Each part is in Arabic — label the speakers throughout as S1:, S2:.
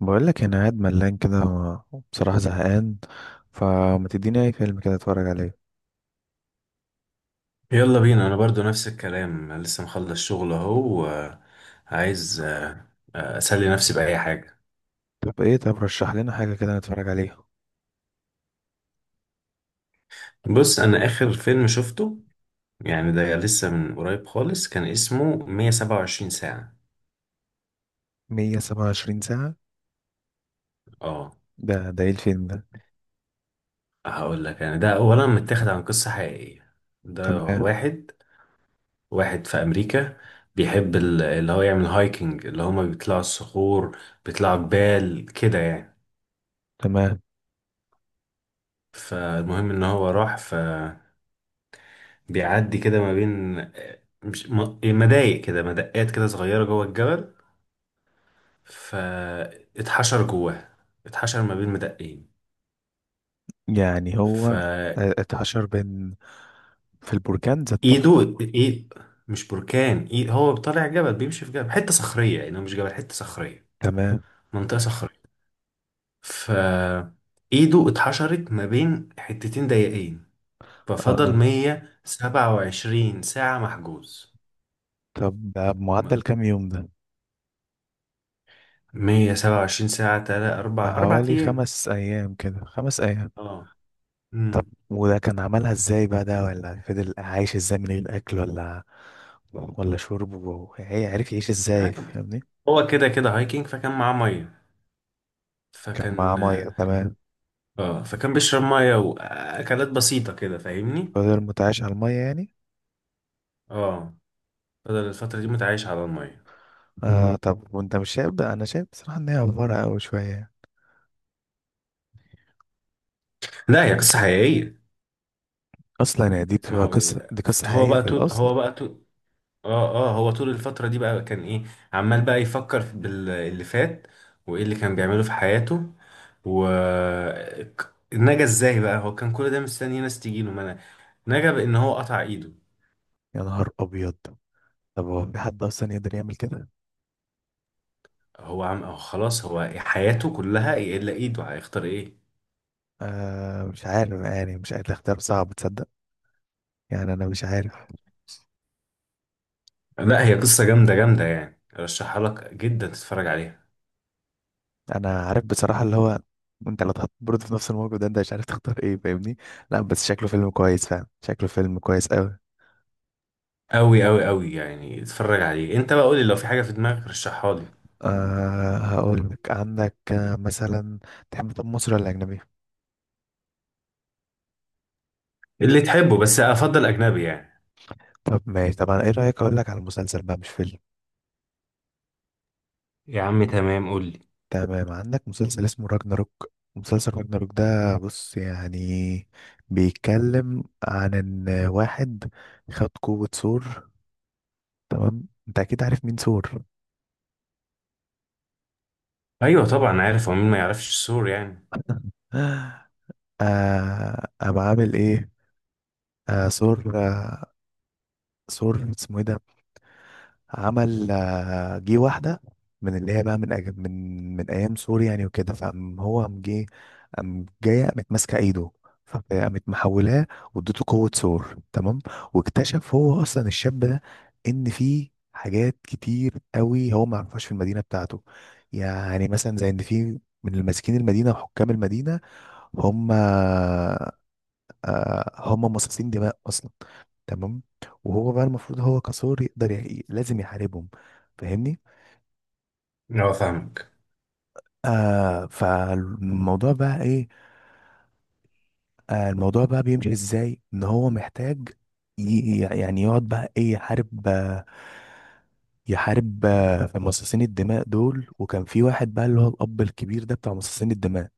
S1: بقول لك انا قاعد ملان كده، بصراحة زهقان، فما تديني اي فيلم كده اتفرج عليه.
S2: يلا بينا، انا برضو نفس الكلام، لسه مخلص شغل اهو وعايز اسلي نفسي باي حاجه.
S1: طب ايه، طب رشح لنا حاجة كده نتفرج عليها.
S2: بص، انا اخر فيلم شفته يعني ده لسه من قريب خالص، كان اسمه 127 ساعه.
S1: 127 ساعة.
S2: اه،
S1: ده ايه الفيلم ده؟
S2: هقول لك يعني ده اولا متاخد عن قصه حقيقيه. ده
S1: تمام.
S2: واحد، واحد في امريكا بيحب اللي هو يعمل هايكنج، اللي هما بيطلعوا الصخور، بيطلعوا جبال كده يعني.
S1: تمام.
S2: فالمهم ان هو راح في، بيعدي كده ما بين مش م- إيه، مضايق كده، مدقات كده صغيرة جوه الجبل. فاتحشر جواه، اتحشر ما بين مدقين،
S1: يعني هو
S2: فايده
S1: اتحشر بين في البركان ذات نفسه.
S2: ايد. مش بركان، ايد. هو طالع جبل، بيمشي في جبل، حتة صخرية، يعني هو مش جبل، حتة صخرية،
S1: تمام.
S2: منطقة صخرية. ف ايده اتحشرت ما بين حتتين ضيقين، ففضل
S1: اه،
S2: 127 ساعة محجوز.
S1: طب ده بمعدل
S2: ما-
S1: كام يوم ده؟
S2: 127 ساعة تلات أربع
S1: بحوالي
S2: أيام.
S1: خمس ايام كده، خمس ايام.
S2: اه.
S1: طب
S2: مم.
S1: وده كان عملها ازاي بقى ده؟ ولا فضل عايش ازاي من غير اكل ولا شرب، وهي عرف يعيش ازاي؟ فاهمني؟
S2: هو كده كده هايكنج، فكان معاه ميه.
S1: كان معاه
S2: فكان،
S1: ميه. تمام.
S2: اه، فكان بيشرب ميه واكلات بسيطه كده فاهمني.
S1: فضل متعايش على الميه يعني.
S2: اه، فضل الفتره دي متعايش على الميه.
S1: آه، طب وانت مش شايف؟ ده انا شايف بصراحه ان هي افوره قوي شويه،
S2: لا، هي قصه حقيقيه.
S1: اصلا يعني دي
S2: ما
S1: بتبقى
S2: هو،
S1: قصه، دي قصه
S2: هو
S1: حقيقيه
S2: بقى
S1: في
S2: طول
S1: الاصل.
S2: هو بقى طول اه هو طول الفتره دي بقى كان ايه؟ عمال بقى يفكر في باللي فات وايه اللي كان بيعمله في حياته و نجا ازاي بقى. هو كان كل ده مستني ناس تجيله، ما أنا- نجا بان هو قطع ايده.
S1: يا نهار ابيض! طب هو في حد اصلا يقدر يعمل كده؟
S2: هو خلاص، هو حياته كلها الا ايده، هيختار ايه؟
S1: آه، مش عارف يعني، مش عارف، الاختيار صعب تصدق، يعني انا مش عارف.
S2: لا، هي قصة جامدة جامدة يعني، ارشحها لك جدا تتفرج عليها.
S1: انا عارف بصراحه اللي هو، انت لو اتحط برضه في نفس الموقف ده، انت مش عارف تختار ايه. فاهمني؟ لا، بس شكله فيلم كويس فعلا، شكله فيلم كويس قوي.
S2: قوي قوي قوي يعني، اتفرج عليه انت بقى، قولي لو في حاجة في دماغك رشحها لي.
S1: آه، هقول لك، عندك مثلا تحب، طب مصري ولا اجنبي؟
S2: اللي تحبه، بس افضل اجنبي يعني.
S1: طب ماشي، طب انا ايه رأيك اقول لك على مسلسل بقى مش فيلم؟
S2: يا عم تمام، قول لي.
S1: تمام. عندك مسلسل اسمه راجناروك. مسلسل راجناروك ده، بص يعني، بيتكلم عن ان واحد خد قوة ثور. تمام، انت اكيد عارف مين ثور.
S2: ايوه طبعا عارف هو مين، ما يعرفش السور يعني.
S1: قام عامل ايه؟ ثور. آه ثور اسمه ايه ده؟ عمل جه واحدة من اللي هي بقى من أج- من من أيام سوريا يعني وكده، فقام هو قام جه، قام جاية قامت ماسكة إيده، فقامت محولاه واديته قوة ثور. تمام. واكتشف هو أصلا الشاب ده إن فيه حاجات كتير قوي هو ما يعرفهاش في المدينة بتاعته. يعني مثلا زي إن فيه من الماسكين المدينة وحكام المدينة، هم آه، هم مصاصين دماء أصلا. تمام. وهو بقى المفروض هو كثور لازم يحاربهم. فاهمني؟
S2: اه، فاهمك.
S1: فالموضوع بقى ايه؟ الموضوع بقى بيمشي ازاي؟ ان هو محتاج يعني يقعد بقى ايه، يحارب في مصاصين الدماء دول. وكان في واحد بقى، اللي هو الاب الكبير ده بتاع مصاصين الدماء،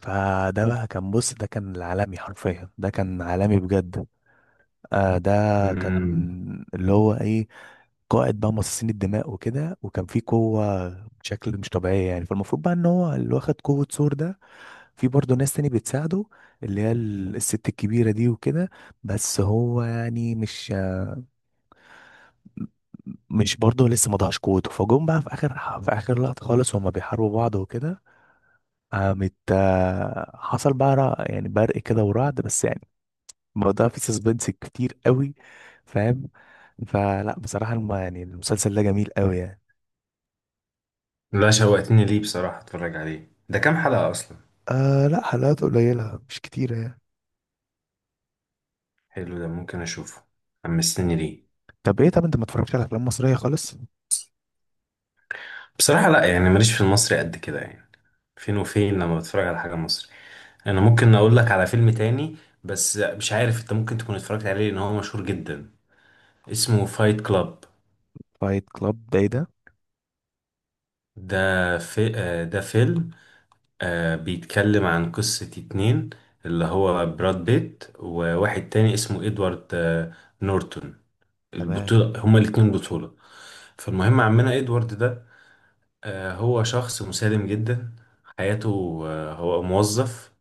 S1: فده بقى كان، بص ده كان العالمي حرفيا، ده كان عالمي بجد. ده
S2: امم.
S1: كان اللي هو ايه، قائد بقى مصاصين الدماء وكده، وكان في قوة بشكل مش طبيعية يعني. فالمفروض بقى ان هو اللي واخد قوة ثور ده، في برضه ناس تاني بتساعده، اللي هي الست الكبيرة دي وكده. بس هو يعني مش برضه لسه ما ضاعش قوته، فجم بقى في اخر لقطة خالص، وهما بيحاربوا بعض وكده، قامت حصل بقى يعني برق كده ورعد، بس يعني الموضوع فيه سسبنس كتير قوي. فاهم؟ فلا بصراحة يعني المسلسل ده جميل قوي يعني.
S2: لا، شوقتني ليه بصراحة، اتفرج عليه. ده كام حلقة اصلا؟
S1: لا، حلقات قليلة مش كتيرة يعني.
S2: حلو، ده ممكن اشوفه. حمستني ليه.
S1: طب ايه، طب انت ما اتفرجتش على افلام مصريه خالص؟
S2: بصراحة لا، يعني ماليش في المصري قد كده يعني، فين وفين لما بتفرج على حاجة مصري. انا ممكن اقول لك على فيلم تاني بس مش عارف، انت ممكن تكون اتفرجت عليه لان هو مشهور جدا. اسمه فايت كلاب.
S1: فايت كلاب ده ايه ده؟
S2: ده فيلم، بيتكلم عن قصة اتنين، اللي هو براد بيت وواحد تاني اسمه ادوارد نورتون.
S1: تمام.
S2: البطولة هما الاتنين بطولة. فالمهم عمنا ادوارد ده، هو شخص مسالم جدا. حياته، هو موظف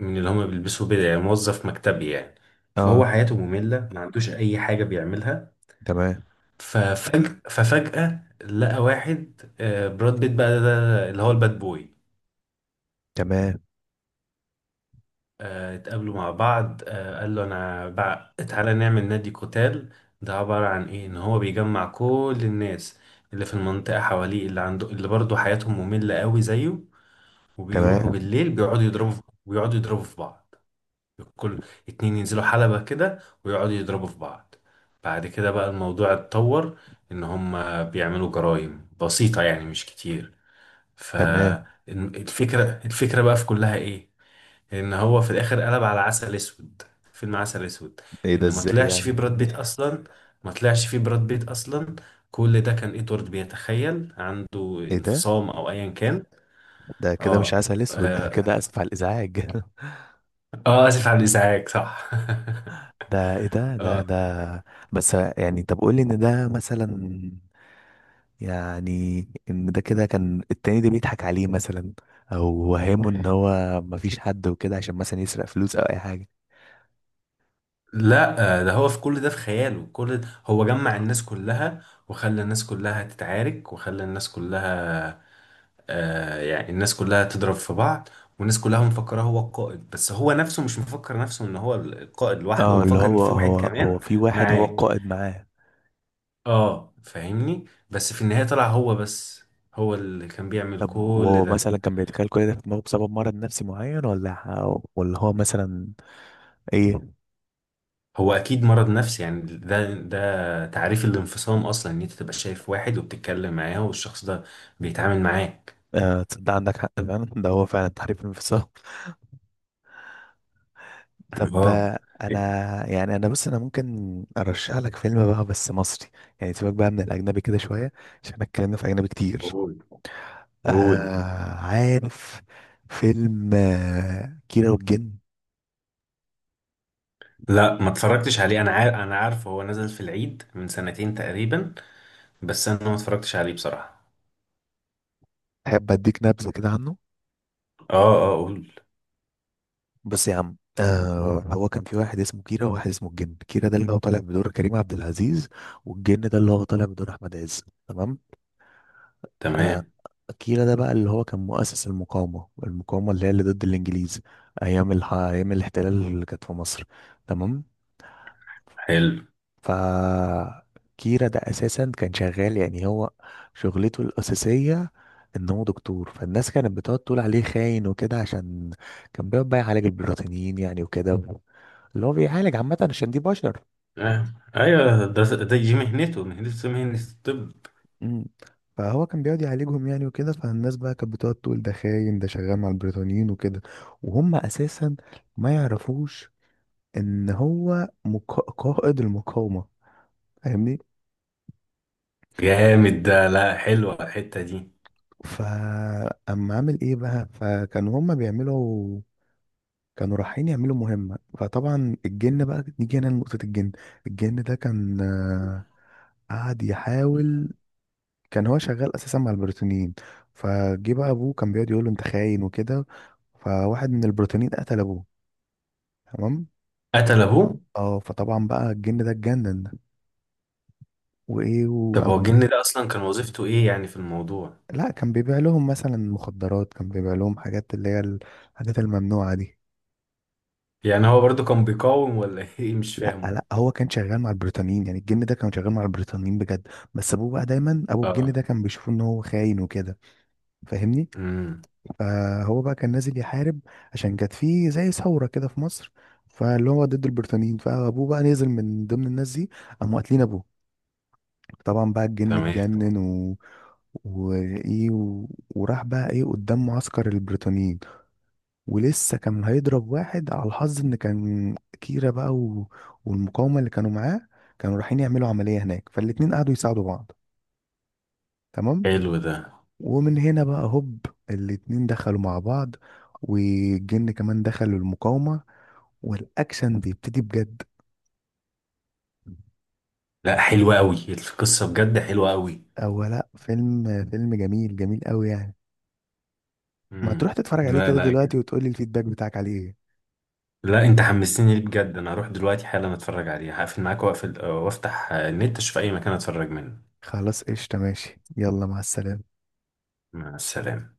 S2: من اللي هما بيلبسوا بدل، يعني موظف مكتبي يعني. فهو
S1: اه.
S2: حياته مملة، ما عندوش أي حاجة بيعملها.
S1: تمام.
S2: ففجأة لقى واحد، براد بيت بقى، ده اللي هو الباد بوي.
S1: تمام.
S2: اتقابلوا مع بعض، قال له أنا بقى تعالى نعمل نادي قتال. ده عبارة عن إيه؟ إن هو بيجمع كل الناس اللي في المنطقة حواليه، اللي عنده، اللي برضه حياتهم مملة قوي زيه، وبيروحوا
S1: تمام.
S2: بالليل بيقعدوا يضربوا في بعض. كل اتنين ينزلوا حلبة كده ويقعدوا يضربوا في بعض. بعد كده بقى الموضوع اتطور، ان هم بيعملوا جرائم بسيطة يعني مش كتير.
S1: تمام.
S2: فالفكرة بقى في كلها ايه؟ ان هو في الاخر قلب على عسل اسود، فيلم عسل اسود.
S1: ايه ده،
S2: ان ما
S1: ازاي
S2: طلعش فيه
S1: يعني؟
S2: براد بيت اصلا، ما طلعش فيه براد بيت اصلا. كل ده كان ادوارد بيتخيل، عنده
S1: ايه ده.
S2: انفصام او ايا كان.
S1: ده كده مش
S2: اه،
S1: عسل اسود، ده كده اسف على الازعاج.
S2: اه اسف على الازعاج، صح.
S1: ده ايه ده؟ لا،
S2: اه.
S1: ده بس يعني، طب قول لي ان ده مثلا، يعني ان ده كده كان التاني ده بيضحك عليه مثلا، او وهمه ان هو مفيش حد وكده عشان مثلا يسرق فلوس او اي.
S2: لا، ده هو في كل ده في خياله، كل ده هو جمع الناس كلها وخلى الناس كلها تتعارك وخلى الناس كلها، آه يعني الناس كلها تضرب في بعض. والناس كلها مفكره هو القائد، بس هو نفسه مش مفكر نفسه ان هو القائد لوحده، هو
S1: اه، اللي
S2: مفكر ان في واحد
S1: هو
S2: كمان
S1: في واحد هو
S2: معاه.
S1: القائد معاه.
S2: اه، فاهمني. بس في النهايه طلع هو بس، هو اللي كان بيعمل
S1: طب
S2: كل
S1: وهو مثلا
S2: ده.
S1: كان بيتخيل كل ده في دماغه بسبب مرض نفسي معين، ولا ولا هو مثلا ايه؟
S2: هو اكيد مرض نفسي يعني، ده تعريف الانفصام اصلا، ان انت تبقى شايف واحد وبتتكلم معاه والشخص ده بيتعامل معاك.
S1: آه، تصدق عندك حق فعلا، ده هو فعلا تحريف انفصام. طب
S2: اه.
S1: انا يعني، انا بص، انا ممكن ارشح لك فيلم بقى بس مصري، يعني سيبك بقى من الاجنبي كده شويه، عشان احنا اتكلمنا في اجنبي كتير.
S2: قول قول.
S1: عارف فيلم كيرة والجن؟
S2: لا، ما اتفرجتش عليه، انا عارف، انا عارف هو نزل في العيد من سنتين تقريبا بس انا ما اتفرجتش عليه بصراحة.
S1: تحب اديك نبذه كده عنه؟
S2: اه، اه قول.
S1: بس يا عم، هو كان في واحد اسمه كيرة وواحد اسمه الجن. كيرة ده اللي هو طالع بدور كريم عبد العزيز، والجن ده اللي هو طالع بدور أحمد عز. تمام.
S2: تمام
S1: كيرة ده بقى اللي هو كان مؤسس المقاومة اللي هي اللي ضد الإنجليز، أيام الاحتلال اللي كانت في مصر. تمام.
S2: حلو.
S1: ف كيرة ده أساسا كان شغال، يعني هو شغلته الأساسية إن هو دكتور. فالناس كانت بتقعد تقول عليه خاين وكده، عشان كان بيقعد بقى يعالج البريطانيين يعني وكده، اللي هو بيعالج عامة، عشان دي بشر.
S2: آه. ايوه، ده دي مهنته مهنة الطب.
S1: مم. فهو كان بيقعد يعالجهم يعني وكده، فالناس بقى كانت بتقعد تقول ده خاين، ده شغال مع البريطانيين وكده، وهم اساسا ما يعرفوش ان هو قائد المقاومة. فاهمني؟
S2: جامد ده. لا، حلوة الحتة دي.
S1: فاما عامل ايه بقى، فكانوا هم بيعملوا، كانوا رايحين يعملوا مهمة. فطبعا الجن بقى، نيجي هنا لنقطة الجن. الجن ده كان قعد يحاول، كان هو شغال اساسا مع البريطانيين. فجه بقى ابوه كان بيقعد يقول له انت خاين وكده، فواحد من البريطانيين قتل ابوه. تمام.
S2: قتل
S1: هو،
S2: ابوه.
S1: اه، فطبعا بقى الجن ده اتجنن، وايه
S2: طب هو
S1: وامر.
S2: الجن ده اصلا كان وظيفته ايه يعني في الموضوع؟
S1: لا، كان بيبيع لهم مثلا مخدرات، كان بيبيع لهم حاجات اللي هي الحاجات الممنوعه دي.
S2: يعني هو برضو كان بيقاوم ولا ايه؟ مش
S1: لا، لا،
S2: فاهمه.
S1: هو كان شغال مع البريطانيين يعني، الجن ده كان شغال مع البريطانيين بجد، بس ابوه بقى دايما، ابو الجن
S2: اه.
S1: ده كان بيشوفه ان هو خاين وكده. فاهمني؟
S2: امم.
S1: فهو بقى كان نازل يحارب، عشان كانت فيه زي ثورة كده في مصر، فاللي هو ضد البريطانيين. فأبوه بقى نزل من ضمن الناس دي، قاموا قاتلين أبوه. طبعا بقى الجن
S2: تمام.
S1: اتجنن، و، وإيه، و، وراح بقى إيه قدام معسكر البريطانيين، ولسه كان هيضرب واحد على الحظ، إن كان كيرا بقى، و... والمقاومة اللي كانوا معاه، كانوا رايحين يعملوا عملية هناك، فالاتنين قعدوا يساعدوا بعض. تمام.
S2: حلو ده.
S1: ومن هنا بقى هوب، الاتنين دخلوا مع بعض، والجن كمان دخل المقاومة، والأكشن بيبتدي بجد.
S2: لا، حلو قوي القصة بجد، حلوة قوي.
S1: أو لأ، فيلم جميل جميل قوي يعني. ما تروح
S2: امم.
S1: تتفرج عليه
S2: لا
S1: كده
S2: لا،
S1: دلوقتي،
S2: جامد.
S1: وتقولي الفيدباك بتاعك عليه ايه.
S2: لا، انت حمستني ليه بجد، انا هروح دلوقتي حالا اتفرج عليه، هقفل معاك واقفل وافتح النت اشوف اي مكان اتفرج منه.
S1: خلاص، قشطة، ماشي، يلا، مع السلامة.
S2: مع السلامة.